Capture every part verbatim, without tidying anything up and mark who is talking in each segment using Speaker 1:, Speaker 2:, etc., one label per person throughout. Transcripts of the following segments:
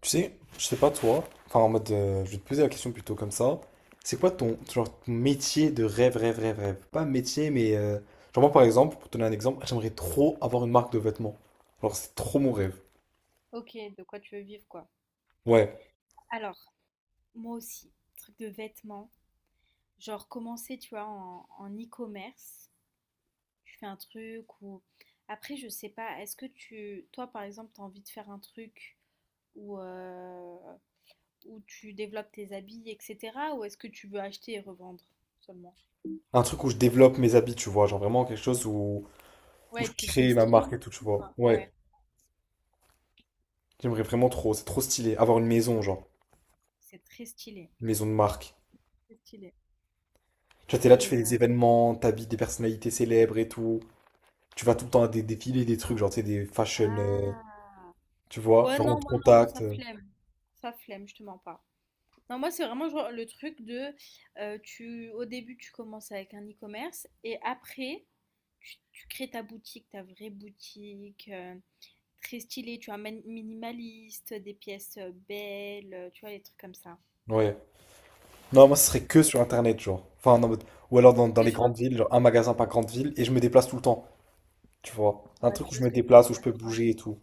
Speaker 1: Tu sais, je sais pas toi, enfin en mode, euh, je vais te poser la question plutôt comme ça. C'est quoi ton, genre, ton métier de rêve, rêve, rêve, rêve? Pas métier, mais euh, genre moi par exemple, pour te donner un exemple, j'aimerais trop avoir une marque de vêtements. Genre c'est trop mon rêve.
Speaker 2: Ok, de quoi tu veux vivre, quoi.
Speaker 1: Ouais,
Speaker 2: Alors, moi aussi, truc de vêtements. Genre, commencer, tu vois, en, en e-commerce. Tu fais un truc ou... Après, je sais pas, est-ce que tu... Toi, par exemple, t'as envie de faire un truc où, euh, où tu développes tes habits, et cetera. Ou est-ce que tu veux acheter et revendre seulement?
Speaker 1: un truc où je développe mes habits, tu vois, genre vraiment quelque chose où, où je
Speaker 2: Ouais, t'es t'es
Speaker 1: crée ma marque et
Speaker 2: styliste
Speaker 1: tout,
Speaker 2: et
Speaker 1: tu
Speaker 2: tout,
Speaker 1: vois.
Speaker 2: quoi. Ouais,
Speaker 1: Ouais, j'aimerais vraiment trop, c'est trop stylé, avoir une maison, genre,
Speaker 2: c'est très stylé.
Speaker 1: une maison de marque.
Speaker 2: Très stylé.
Speaker 1: Tu vois, t'es là, tu fais
Speaker 2: Et... euh,
Speaker 1: des événements, t'habites des personnalités célèbres et tout. Tu vas tout le temps à des défilés, des trucs, genre, tu sais, des fashion, euh,
Speaker 2: Ah...
Speaker 1: tu vois,
Speaker 2: Ouais,
Speaker 1: genre on
Speaker 2: non,
Speaker 1: te
Speaker 2: moi, non,
Speaker 1: contacte.
Speaker 2: ça
Speaker 1: euh,
Speaker 2: flemme. Ça flemme, je te mens pas. Non, moi, c'est vraiment genre le truc de, euh, tu, au début, tu commences avec un e-commerce et après, tu, tu crées ta boutique, ta vraie boutique, euh, très stylée, tu vois, min- minimaliste, des pièces euh, belles, euh, tu vois, les trucs comme ça.
Speaker 1: Ouais. Non, moi ce
Speaker 2: Donc,
Speaker 1: serait
Speaker 2: euh,
Speaker 1: que sur internet, genre. Enfin, en mode, ou alors dans, dans
Speaker 2: que
Speaker 1: les
Speaker 2: sur un-
Speaker 1: grandes villes, genre un magasin par grande ville, et je me déplace tout le temps. Tu vois. Un
Speaker 2: Ouais,
Speaker 1: truc
Speaker 2: je
Speaker 1: où je
Speaker 2: vois ce
Speaker 1: me
Speaker 2: que tu veux
Speaker 1: déplace, où je
Speaker 2: dire.
Speaker 1: peux
Speaker 2: Ouais,
Speaker 1: bouger et tout.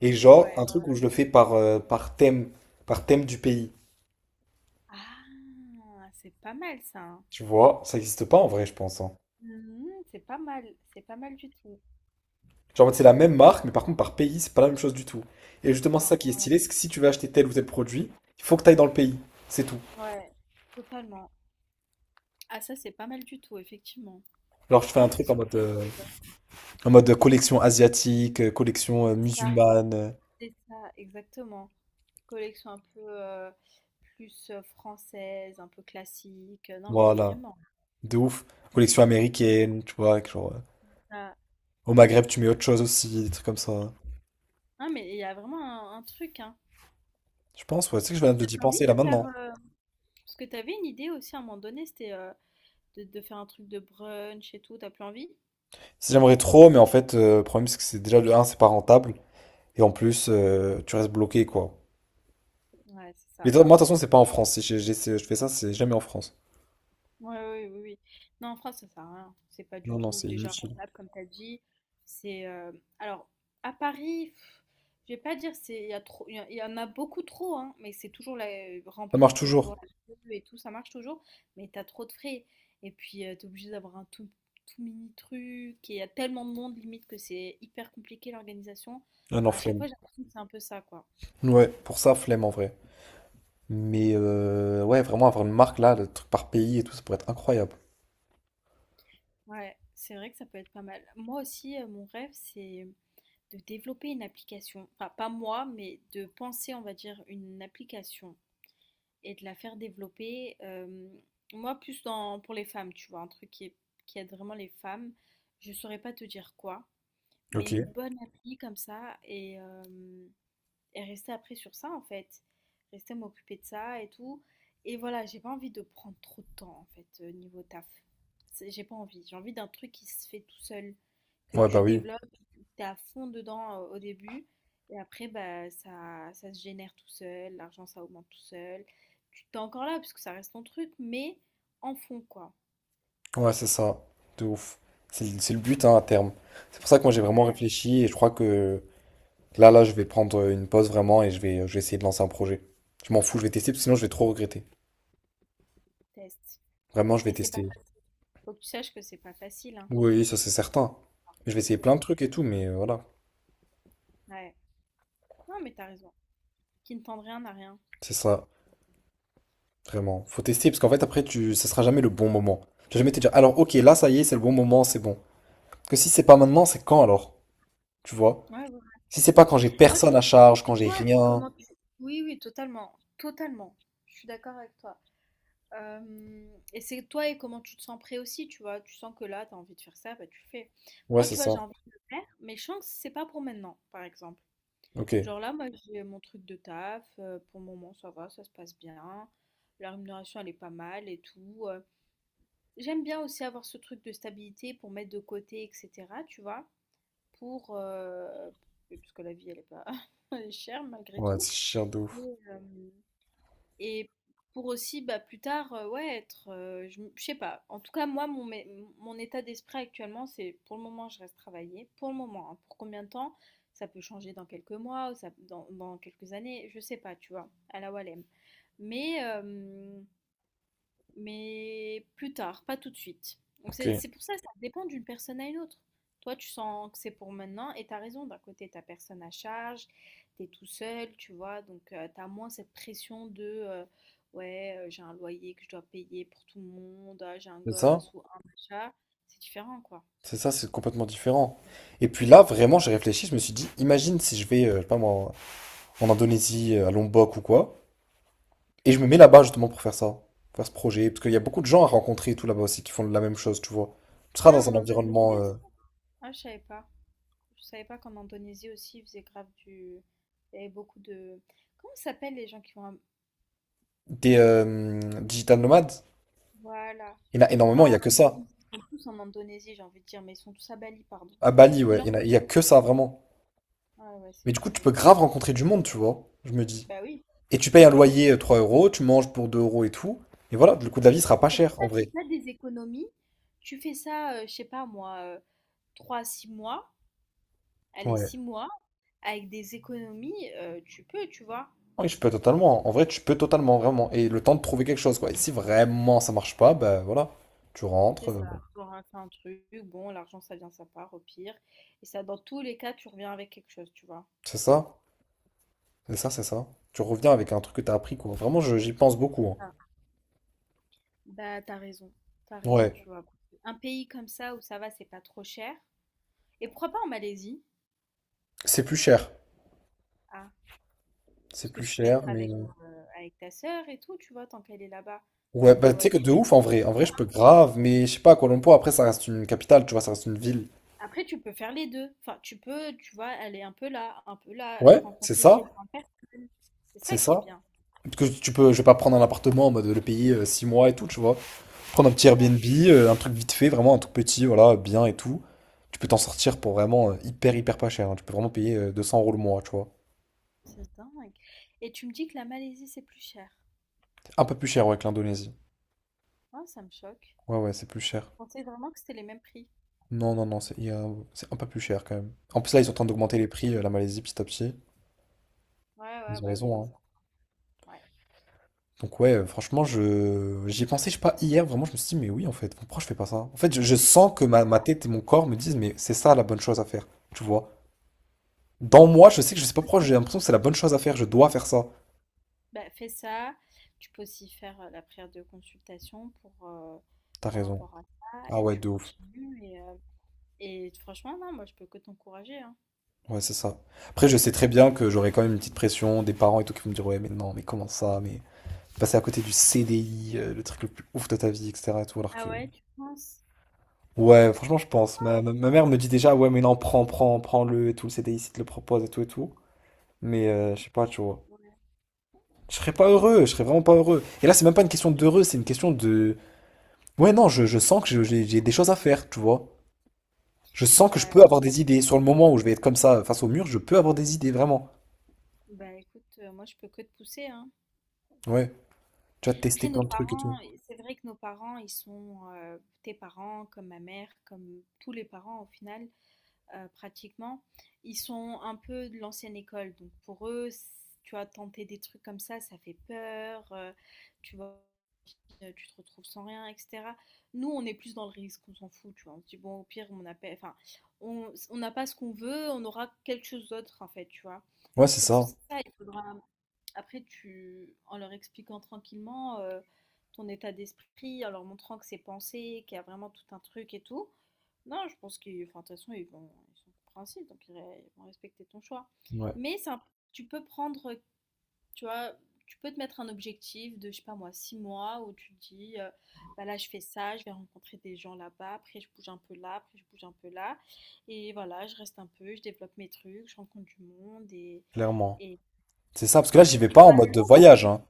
Speaker 1: Et
Speaker 2: ouais,
Speaker 1: genre,
Speaker 2: ouais,
Speaker 1: un
Speaker 2: ouais.
Speaker 1: truc où je le fais par, euh, par thème, par thème du pays.
Speaker 2: Ah, c'est pas mal ça. Hein.
Speaker 1: Tu vois, ça n'existe pas en vrai, je pense, hein.
Speaker 2: Mhm, c'est pas mal, c'est pas mal du tout.
Speaker 1: Genre, en mode, c'est la même marque, mais par contre, par pays, c'est pas la même chose du tout. Et justement, c'est
Speaker 2: Non,
Speaker 1: ça qui est
Speaker 2: euh,
Speaker 1: stylé, c'est que si tu veux acheter tel ou tel produit, il faut que tu ailles dans le pays. C'est tout.
Speaker 2: ouais, totalement. Ah, ça, c'est pas mal du tout, effectivement.
Speaker 1: Alors je
Speaker 2: J'ai
Speaker 1: fais
Speaker 2: pas
Speaker 1: un truc en
Speaker 2: l'impression que
Speaker 1: mode,
Speaker 2: ça a
Speaker 1: euh,
Speaker 2: été, euh,
Speaker 1: en mode collection asiatique, euh, collection euh,
Speaker 2: c'est ça.
Speaker 1: musulmane. Euh,
Speaker 2: C'est ça, exactement. Collection un peu, heu, plus, heu, française, un peu classique, euh, non mais
Speaker 1: Voilà.
Speaker 2: vraiment,
Speaker 1: De ouf. Collection américaine, tu vois, avec genre. euh,
Speaker 2: ça
Speaker 1: Au Maghreb, tu mets autre chose aussi, des trucs comme ça.
Speaker 2: non mais il y a vraiment un un truc, hein.
Speaker 1: Je pense, ouais, tu sais que je viens
Speaker 2: Et
Speaker 1: de
Speaker 2: t'as
Speaker 1: d'y
Speaker 2: plus envie
Speaker 1: penser là
Speaker 2: de faire,
Speaker 1: maintenant.
Speaker 2: heu parce que t'avais une idée aussi à un moment donné, c'était, heu, de de faire un truc de brunch et tout, t'as plus envie?
Speaker 1: Si j'aimerais trop, mais en fait, euh, le problème c'est que c'est déjà de un c'est pas rentable. Et en plus, euh, tu restes bloqué, quoi.
Speaker 2: Ouais, c'est
Speaker 1: Mais
Speaker 2: ça.
Speaker 1: toi- moi, de toute façon, c'est pas en France. Si j'ai- j'ai- c'est- Je fais ça, c'est jamais en France.
Speaker 2: Ouais, oui, oui, oui. Non, en France, ça sert à rien. C'est pas du
Speaker 1: Non, non,
Speaker 2: tout
Speaker 1: c'est
Speaker 2: déjà
Speaker 1: inutile.
Speaker 2: rentable, comme tu as dit. C'est euh, Alors à Paris, pff, je vais pas dire c'est il y a trop, il y, a- il y en a beaucoup trop, hein, mais c'est toujours la, euh,
Speaker 1: Ça marche
Speaker 2: rempli. Il y a toujours
Speaker 1: toujours.
Speaker 2: la queue et tout, ça marche toujours. Mais t'as trop de frais. Et puis tu t'es obligé d'avoir un tout, tout mini truc. Et il y a tellement de monde limite que c'est hyper compliqué l'organisation.
Speaker 1: Non, non,
Speaker 2: Enfin, à chaque
Speaker 1: flemme.
Speaker 2: fois, j'ai l'impression que c'est un peu ça, quoi.
Speaker 1: Ouais, pour ça, flemme en vrai. Mais euh, ouais, vraiment avoir une marque là, le truc par pays et tout, ça pourrait être incroyable.
Speaker 2: Ouais, c'est vrai que ça peut être pas mal. Moi aussi, euh, mon rêve, c'est de développer une application, enfin pas moi, mais de penser, on va dire, une application et de la faire développer. Euh, moi, plus dans, pour les femmes, tu vois, un truc qui, est- qui aide vraiment les femmes. Je saurais pas te dire quoi, mais
Speaker 1: Ok.
Speaker 2: une bonne appli comme ça et euh, et rester après sur ça en fait. Rester m'occuper de ça et tout. Et voilà, j'ai pas envie de prendre trop de temps en fait euh, niveau taf. C'est- J'ai pas envie. J'ai envie d'un truc qui se fait tout seul, que
Speaker 1: Ouais, bah
Speaker 2: tu
Speaker 1: oui.
Speaker 2: développes, t'es à fond dedans euh, au début, et après bah ça ça se génère tout seul, l'argent ça augmente tout seul. Tu t'es encore là parce que ça reste ton truc mais en fond quoi.
Speaker 1: Ouais, c'est ça, de ouf. C'est le, c'est le but, hein, à terme. C'est pour ça que moi j'ai vraiment
Speaker 2: Ouais,
Speaker 1: réfléchi et je crois que là, là, je vais prendre une pause vraiment et je vais, je vais essayer de lancer un projet. Je m'en fous, je vais tester, parce que sinon je vais trop regretter.
Speaker 2: test.
Speaker 1: Vraiment, je vais
Speaker 2: Mais c'est pas
Speaker 1: tester.
Speaker 2: facile. Faut que tu saches que c'est pas facile, hein.
Speaker 1: Oui, ça c'est certain. Je vais essayer plein de
Speaker 2: C'est
Speaker 1: trucs et tout, mais euh, voilà,
Speaker 2: Ouais. Non mais t'as raison. Qui ne tente rien n'a rien.
Speaker 1: c'est ça, vraiment. Faut tester, parce qu'en fait après, tu, ça sera jamais le bon moment. Tu vas jamais te dire, alors ok, là ça y est, c'est le bon moment, c'est bon. Parce que si c'est pas maintenant, c'est quand alors? Tu vois?
Speaker 2: Ouais, ouais.
Speaker 1: Si c'est pas quand j'ai
Speaker 2: Moi,
Speaker 1: personne à charge,
Speaker 2: et
Speaker 1: quand j'ai
Speaker 2: toi, et
Speaker 1: rien.
Speaker 2: comment tu... Oui, oui, totalement, totalement. Je suis d'accord avec toi. Euh, et c'est toi et comment tu te sens prêt aussi, tu vois. Tu sens que là, tu as envie de faire ça, bah tu fais.
Speaker 1: Ouais,
Speaker 2: Moi,
Speaker 1: c'est
Speaker 2: tu vois,
Speaker 1: ça.
Speaker 2: j'ai envie de le faire, mais je sens que c'est pas pour maintenant, par exemple.
Speaker 1: Ok.
Speaker 2: Genre là, moi, j'ai mon truc de taf. euh, pour le moment, ça va, ça se passe bien. La rémunération, elle est pas mal et tout. euh. J'aime bien aussi avoir ce truc de stabilité pour mettre de côté, et cetera, tu vois. Pour... euh, Parce que la vie, elle est pas... elle est chère malgré
Speaker 1: Ouais,
Speaker 2: tout.
Speaker 1: c'est chiant de ouf.
Speaker 2: Et, euh, Et pour aussi, bah, plus tard, euh, ouais, être, euh, je je sais pas. En tout cas, moi, mon, mé- mon état d'esprit actuellement, c'est pour le moment, je reste travailler. Pour le moment, hein. Pour combien de temps? Ça peut changer dans quelques mois, ou ça, dans, dans quelques années, je sais pas, tu vois, à la Walem. Mais, euh, mais plus tard, pas tout de suite. Donc
Speaker 1: Ok.
Speaker 2: c'est c'est pour ça, ça dépend d'une personne à une autre. Toi, tu sens que c'est pour maintenant et t'as raison, d'un côté, t'as personne à charge, t'es tout seul, tu vois, donc tu t'as moins cette pression de, euh, ouais, euh, j'ai un loyer que je dois payer pour tout le monde, ah, j'ai un
Speaker 1: C'est ça,
Speaker 2: gosse ou un machin. C'est différent, quoi.
Speaker 1: c'est ça, c'est complètement différent. Et puis là, vraiment, j'ai réfléchi, je me suis dit, imagine si je vais, euh, je sais pas moi, en Indonésie, euh, à Lombok ou quoi, et je me mets là-bas justement pour faire ça, pour faire ce projet, parce qu'il y a beaucoup de gens à rencontrer et tout là-bas aussi qui font la même chose, tu vois. Tu seras
Speaker 2: Ah,
Speaker 1: dans
Speaker 2: en
Speaker 1: un
Speaker 2: Indonésie
Speaker 1: environnement euh,
Speaker 2: aussi? Ah, je savais pas. Je savais pas qu'en Indonésie aussi, ils faisaient grave du... Il y avait beaucoup de... Comment ça s'appelle les gens qui vont. Un...
Speaker 1: des euh, digital nomades,
Speaker 2: Voilà.
Speaker 1: il y en a énormément, il y
Speaker 2: Enfin,
Speaker 1: a que ça.
Speaker 2: tous en Indonésie, j'ai envie de dire, mais ils sont tous à Bali, pardon.
Speaker 1: À Bali, ouais, il
Speaker 2: L'en-
Speaker 1: y en a, il y a que ça vraiment.
Speaker 2: Ah ouais, c'est
Speaker 1: Mais du coup,
Speaker 2: vrai.
Speaker 1: tu peux grave rencontrer du monde, tu vois, je me dis.
Speaker 2: Bah oui,
Speaker 1: Et tu payes
Speaker 2: bah
Speaker 1: un
Speaker 2: oui.
Speaker 1: loyer euh, trois euros, tu manges pour deux euros et tout, et voilà, le coût de la vie sera pas
Speaker 2: C'est pour
Speaker 1: cher en
Speaker 2: ça,
Speaker 1: vrai.
Speaker 2: c'est pas des économies. Tu fais ça, euh, je sais pas moi, euh, trois à six mois, allez,
Speaker 1: Ouais.
Speaker 2: six mois, avec des économies, euh, tu peux, tu vois.
Speaker 1: Oui, je peux totalement. En vrai, tu peux totalement, vraiment. Et le temps de trouver quelque chose, quoi. Et si vraiment ça marche pas, ben voilà. Tu rentres.
Speaker 2: C'est
Speaker 1: Euh,
Speaker 2: ça. Tu auras fait un truc, bon, l'argent, ça vient, ça part, au pire. Et ça, dans tous les cas, tu reviens avec quelque chose, tu vois.
Speaker 1: c'est ça. C'est ça, c'est ça. Tu reviens avec un truc que t'as appris, quoi. Vraiment, je- j'y pense beaucoup, hein.
Speaker 2: Ah. Bah, t'as raison, t'as raison,
Speaker 1: Ouais.
Speaker 2: tu vois. Un pays comme ça où ça va, c'est pas trop cher. Et pourquoi pas en Malaisie?
Speaker 1: C'est plus cher.
Speaker 2: Ah.
Speaker 1: C'est
Speaker 2: Parce que
Speaker 1: plus
Speaker 2: tu peux être
Speaker 1: cher, mais.
Speaker 2: avec,
Speaker 1: euh,
Speaker 2: euh, avec ta sœur et tout, tu vois, tant qu'elle est là-bas.
Speaker 1: Ouais,
Speaker 2: Niveau
Speaker 1: bah tu sais que
Speaker 2: loyer,
Speaker 1: de
Speaker 2: ça,
Speaker 1: ouf en
Speaker 2: c'est
Speaker 1: vrai.
Speaker 2: bien.
Speaker 1: En vrai, je peux grave, mais je sais pas, à Kuala Lumpur, après, ça reste une capitale, tu vois, ça reste une ville.
Speaker 2: Après, tu peux faire les deux. Enfin, tu peux, tu vois, aller un peu là, un peu là, et
Speaker 1: Ouais, c'est
Speaker 2: rencontrer
Speaker 1: ça.
Speaker 2: différentes personnes. C'est
Speaker 1: C'est
Speaker 2: ça qui est
Speaker 1: ça.
Speaker 2: bien.
Speaker 1: Parce que tu peux, je vais pas prendre un appartement en mode le payer euh, six mois et tout, tu vois. Prendre un petit
Speaker 2: C'est ça.
Speaker 1: Airbnb, euh, un truc vite fait, vraiment un truc petit, voilà, bien et tout. Tu peux t'en sortir pour vraiment euh, hyper, hyper pas cher, hein. Tu peux vraiment payer euh, deux cents euros le mois, tu vois.
Speaker 2: C'est dingue. Et tu me dis que la Malaisie, c'est plus cher.
Speaker 1: Un peu plus cher, ouais, que l'Indonésie.
Speaker 2: Oh, ça me choque.
Speaker 1: Ouais, ouais, c'est plus cher.
Speaker 2: Je pensais vraiment que c'était les mêmes prix.
Speaker 1: Non, non, non, c'est il y a- C'est un peu plus cher quand même. En plus, là, ils sont en train d'augmenter les prix, euh, la Malaisie, petit à petit.
Speaker 2: Ouais, ouais,
Speaker 1: Ils ont
Speaker 2: bah oui,
Speaker 1: raison,
Speaker 2: là,
Speaker 1: hein.
Speaker 2: ça. Ouais.
Speaker 1: Donc, ouais, euh, franchement, je j'y ai pensé, je sais pas, hier, vraiment, je me suis dit, mais oui, en fait, pourquoi je fais pas ça? En fait, je, je sens que ma, ma tête et mon corps me disent, mais c'est ça la bonne chose à faire, tu vois. Dans moi, je sais que je sais pas pourquoi, j'ai l'impression que c'est la bonne chose à faire, je dois faire ça.
Speaker 2: Bah, fais ça. Tu peux aussi faire euh, la prière de consultation pour, euh,
Speaker 1: T'as
Speaker 2: par
Speaker 1: raison.
Speaker 2: rapport à ça.
Speaker 1: Ah
Speaker 2: Et
Speaker 1: ouais,
Speaker 2: tu
Speaker 1: de ouf.
Speaker 2: continues. Et, euh, Et franchement, non, moi, je peux que t'encourager, hein.
Speaker 1: Ouais, c'est ça. Après, je sais très bien que j'aurai quand même une petite pression des parents et tout qui vont me dire, ouais, mais non, mais comment ça, mais passer à côté du C D I, euh, le truc le plus ouf de ta vie, et cetera et tout, alors
Speaker 2: Ah
Speaker 1: que,
Speaker 2: ouais, tu penses?
Speaker 1: ouais, franchement, je pense. Ma, ma, ma mère me dit déjà, ouais, mais non, prends, prends, prends-le et tout, le C D I, s'il te le propose et tout et tout. Mais, euh, je sais pas, tu vois.
Speaker 2: Ouais.
Speaker 1: Je serais pas heureux, je serais vraiment pas heureux. Et là, c'est même pas une question d'heureux, c'est une question de, ouais, non, je, je sens que je- j'ai j'ai des choses à faire, tu vois. Je sens que je peux
Speaker 2: Bah,
Speaker 1: avoir des idées. Sur le moment où je vais être comme ça, face au mur, je peux avoir des idées, vraiment.
Speaker 2: bah écoute, euh, moi je peux que te pousser, hein.
Speaker 1: Ouais. Tu vas tester
Speaker 2: Après nos
Speaker 1: plein de trucs et tout.
Speaker 2: parents, et c'est vrai que nos parents, ils sont euh, tes parents, comme ma mère, comme tous les parents au final, euh, pratiquement, ils sont un peu de l'ancienne école. Donc pour eux, tu as tenté des trucs comme ça, ça fait peur, euh, tu vois, euh, tu te retrouves sans rien, et cetera. Nous, on est plus dans le risque, on s'en fout, tu vois. On se dit, bon, au pire, on appelle, enfin, on on n'a pas ce qu'on veut, on aura quelque chose d'autre, en fait, tu vois.
Speaker 1: Ouais, c'est
Speaker 2: C'est pour
Speaker 1: ça.
Speaker 2: ça, il faudra. Après, tu en leur expliquant tranquillement, heu, ton état d'esprit, en leur montrant que c'est pensé, qu'il y a vraiment tout un truc et tout. Non, je pense qu'ils enfin, de toute façon, ils vont ils sont compréhensifs, donc ils ré ils vont respecter ton choix.
Speaker 1: Ouais,
Speaker 2: Mais c'est un tu peux prendre, tu vois, tu peux te mettre un objectif de, je sais pas moi, six mois où tu te dis, heu: «Bah, là, je fais ça, je vais rencontrer des gens là-bas, après je bouge un peu là, après je bouge un peu là et voilà, je reste un peu, je développe mes trucs, je rencontre du monde» et
Speaker 1: clairement.
Speaker 2: et
Speaker 1: C'est ça, parce que là, j'y vais pas en mode de voyage, hein.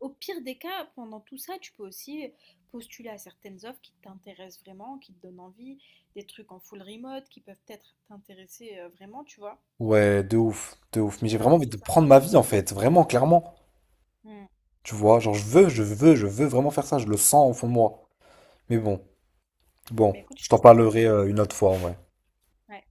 Speaker 2: au pire des cas, pendant tout ça, tu peux aussi postuler à certaines offres qui t'intéressent vraiment, qui te donnent envie, des trucs en full remote qui peuvent peut-être t'intéresser, heu, vraiment, tu vois?
Speaker 1: Ouais, de ouf, de ouf.
Speaker 2: Et
Speaker 1: Mais j'ai
Speaker 2: ça
Speaker 1: vraiment envie
Speaker 2: c'est
Speaker 1: de
Speaker 2: ça.
Speaker 1: prendre ma vie, en fait. Vraiment, clairement.
Speaker 2: Mmh.
Speaker 1: Tu vois, genre, je veux, je veux, je veux vraiment faire ça. Je le sens au fond de moi. Mais bon,
Speaker 2: Bah,
Speaker 1: bon,
Speaker 2: écoute, je
Speaker 1: je t'en parlerai
Speaker 2: t'encourage.
Speaker 1: euh, une autre fois, ouais.
Speaker 2: Ouais.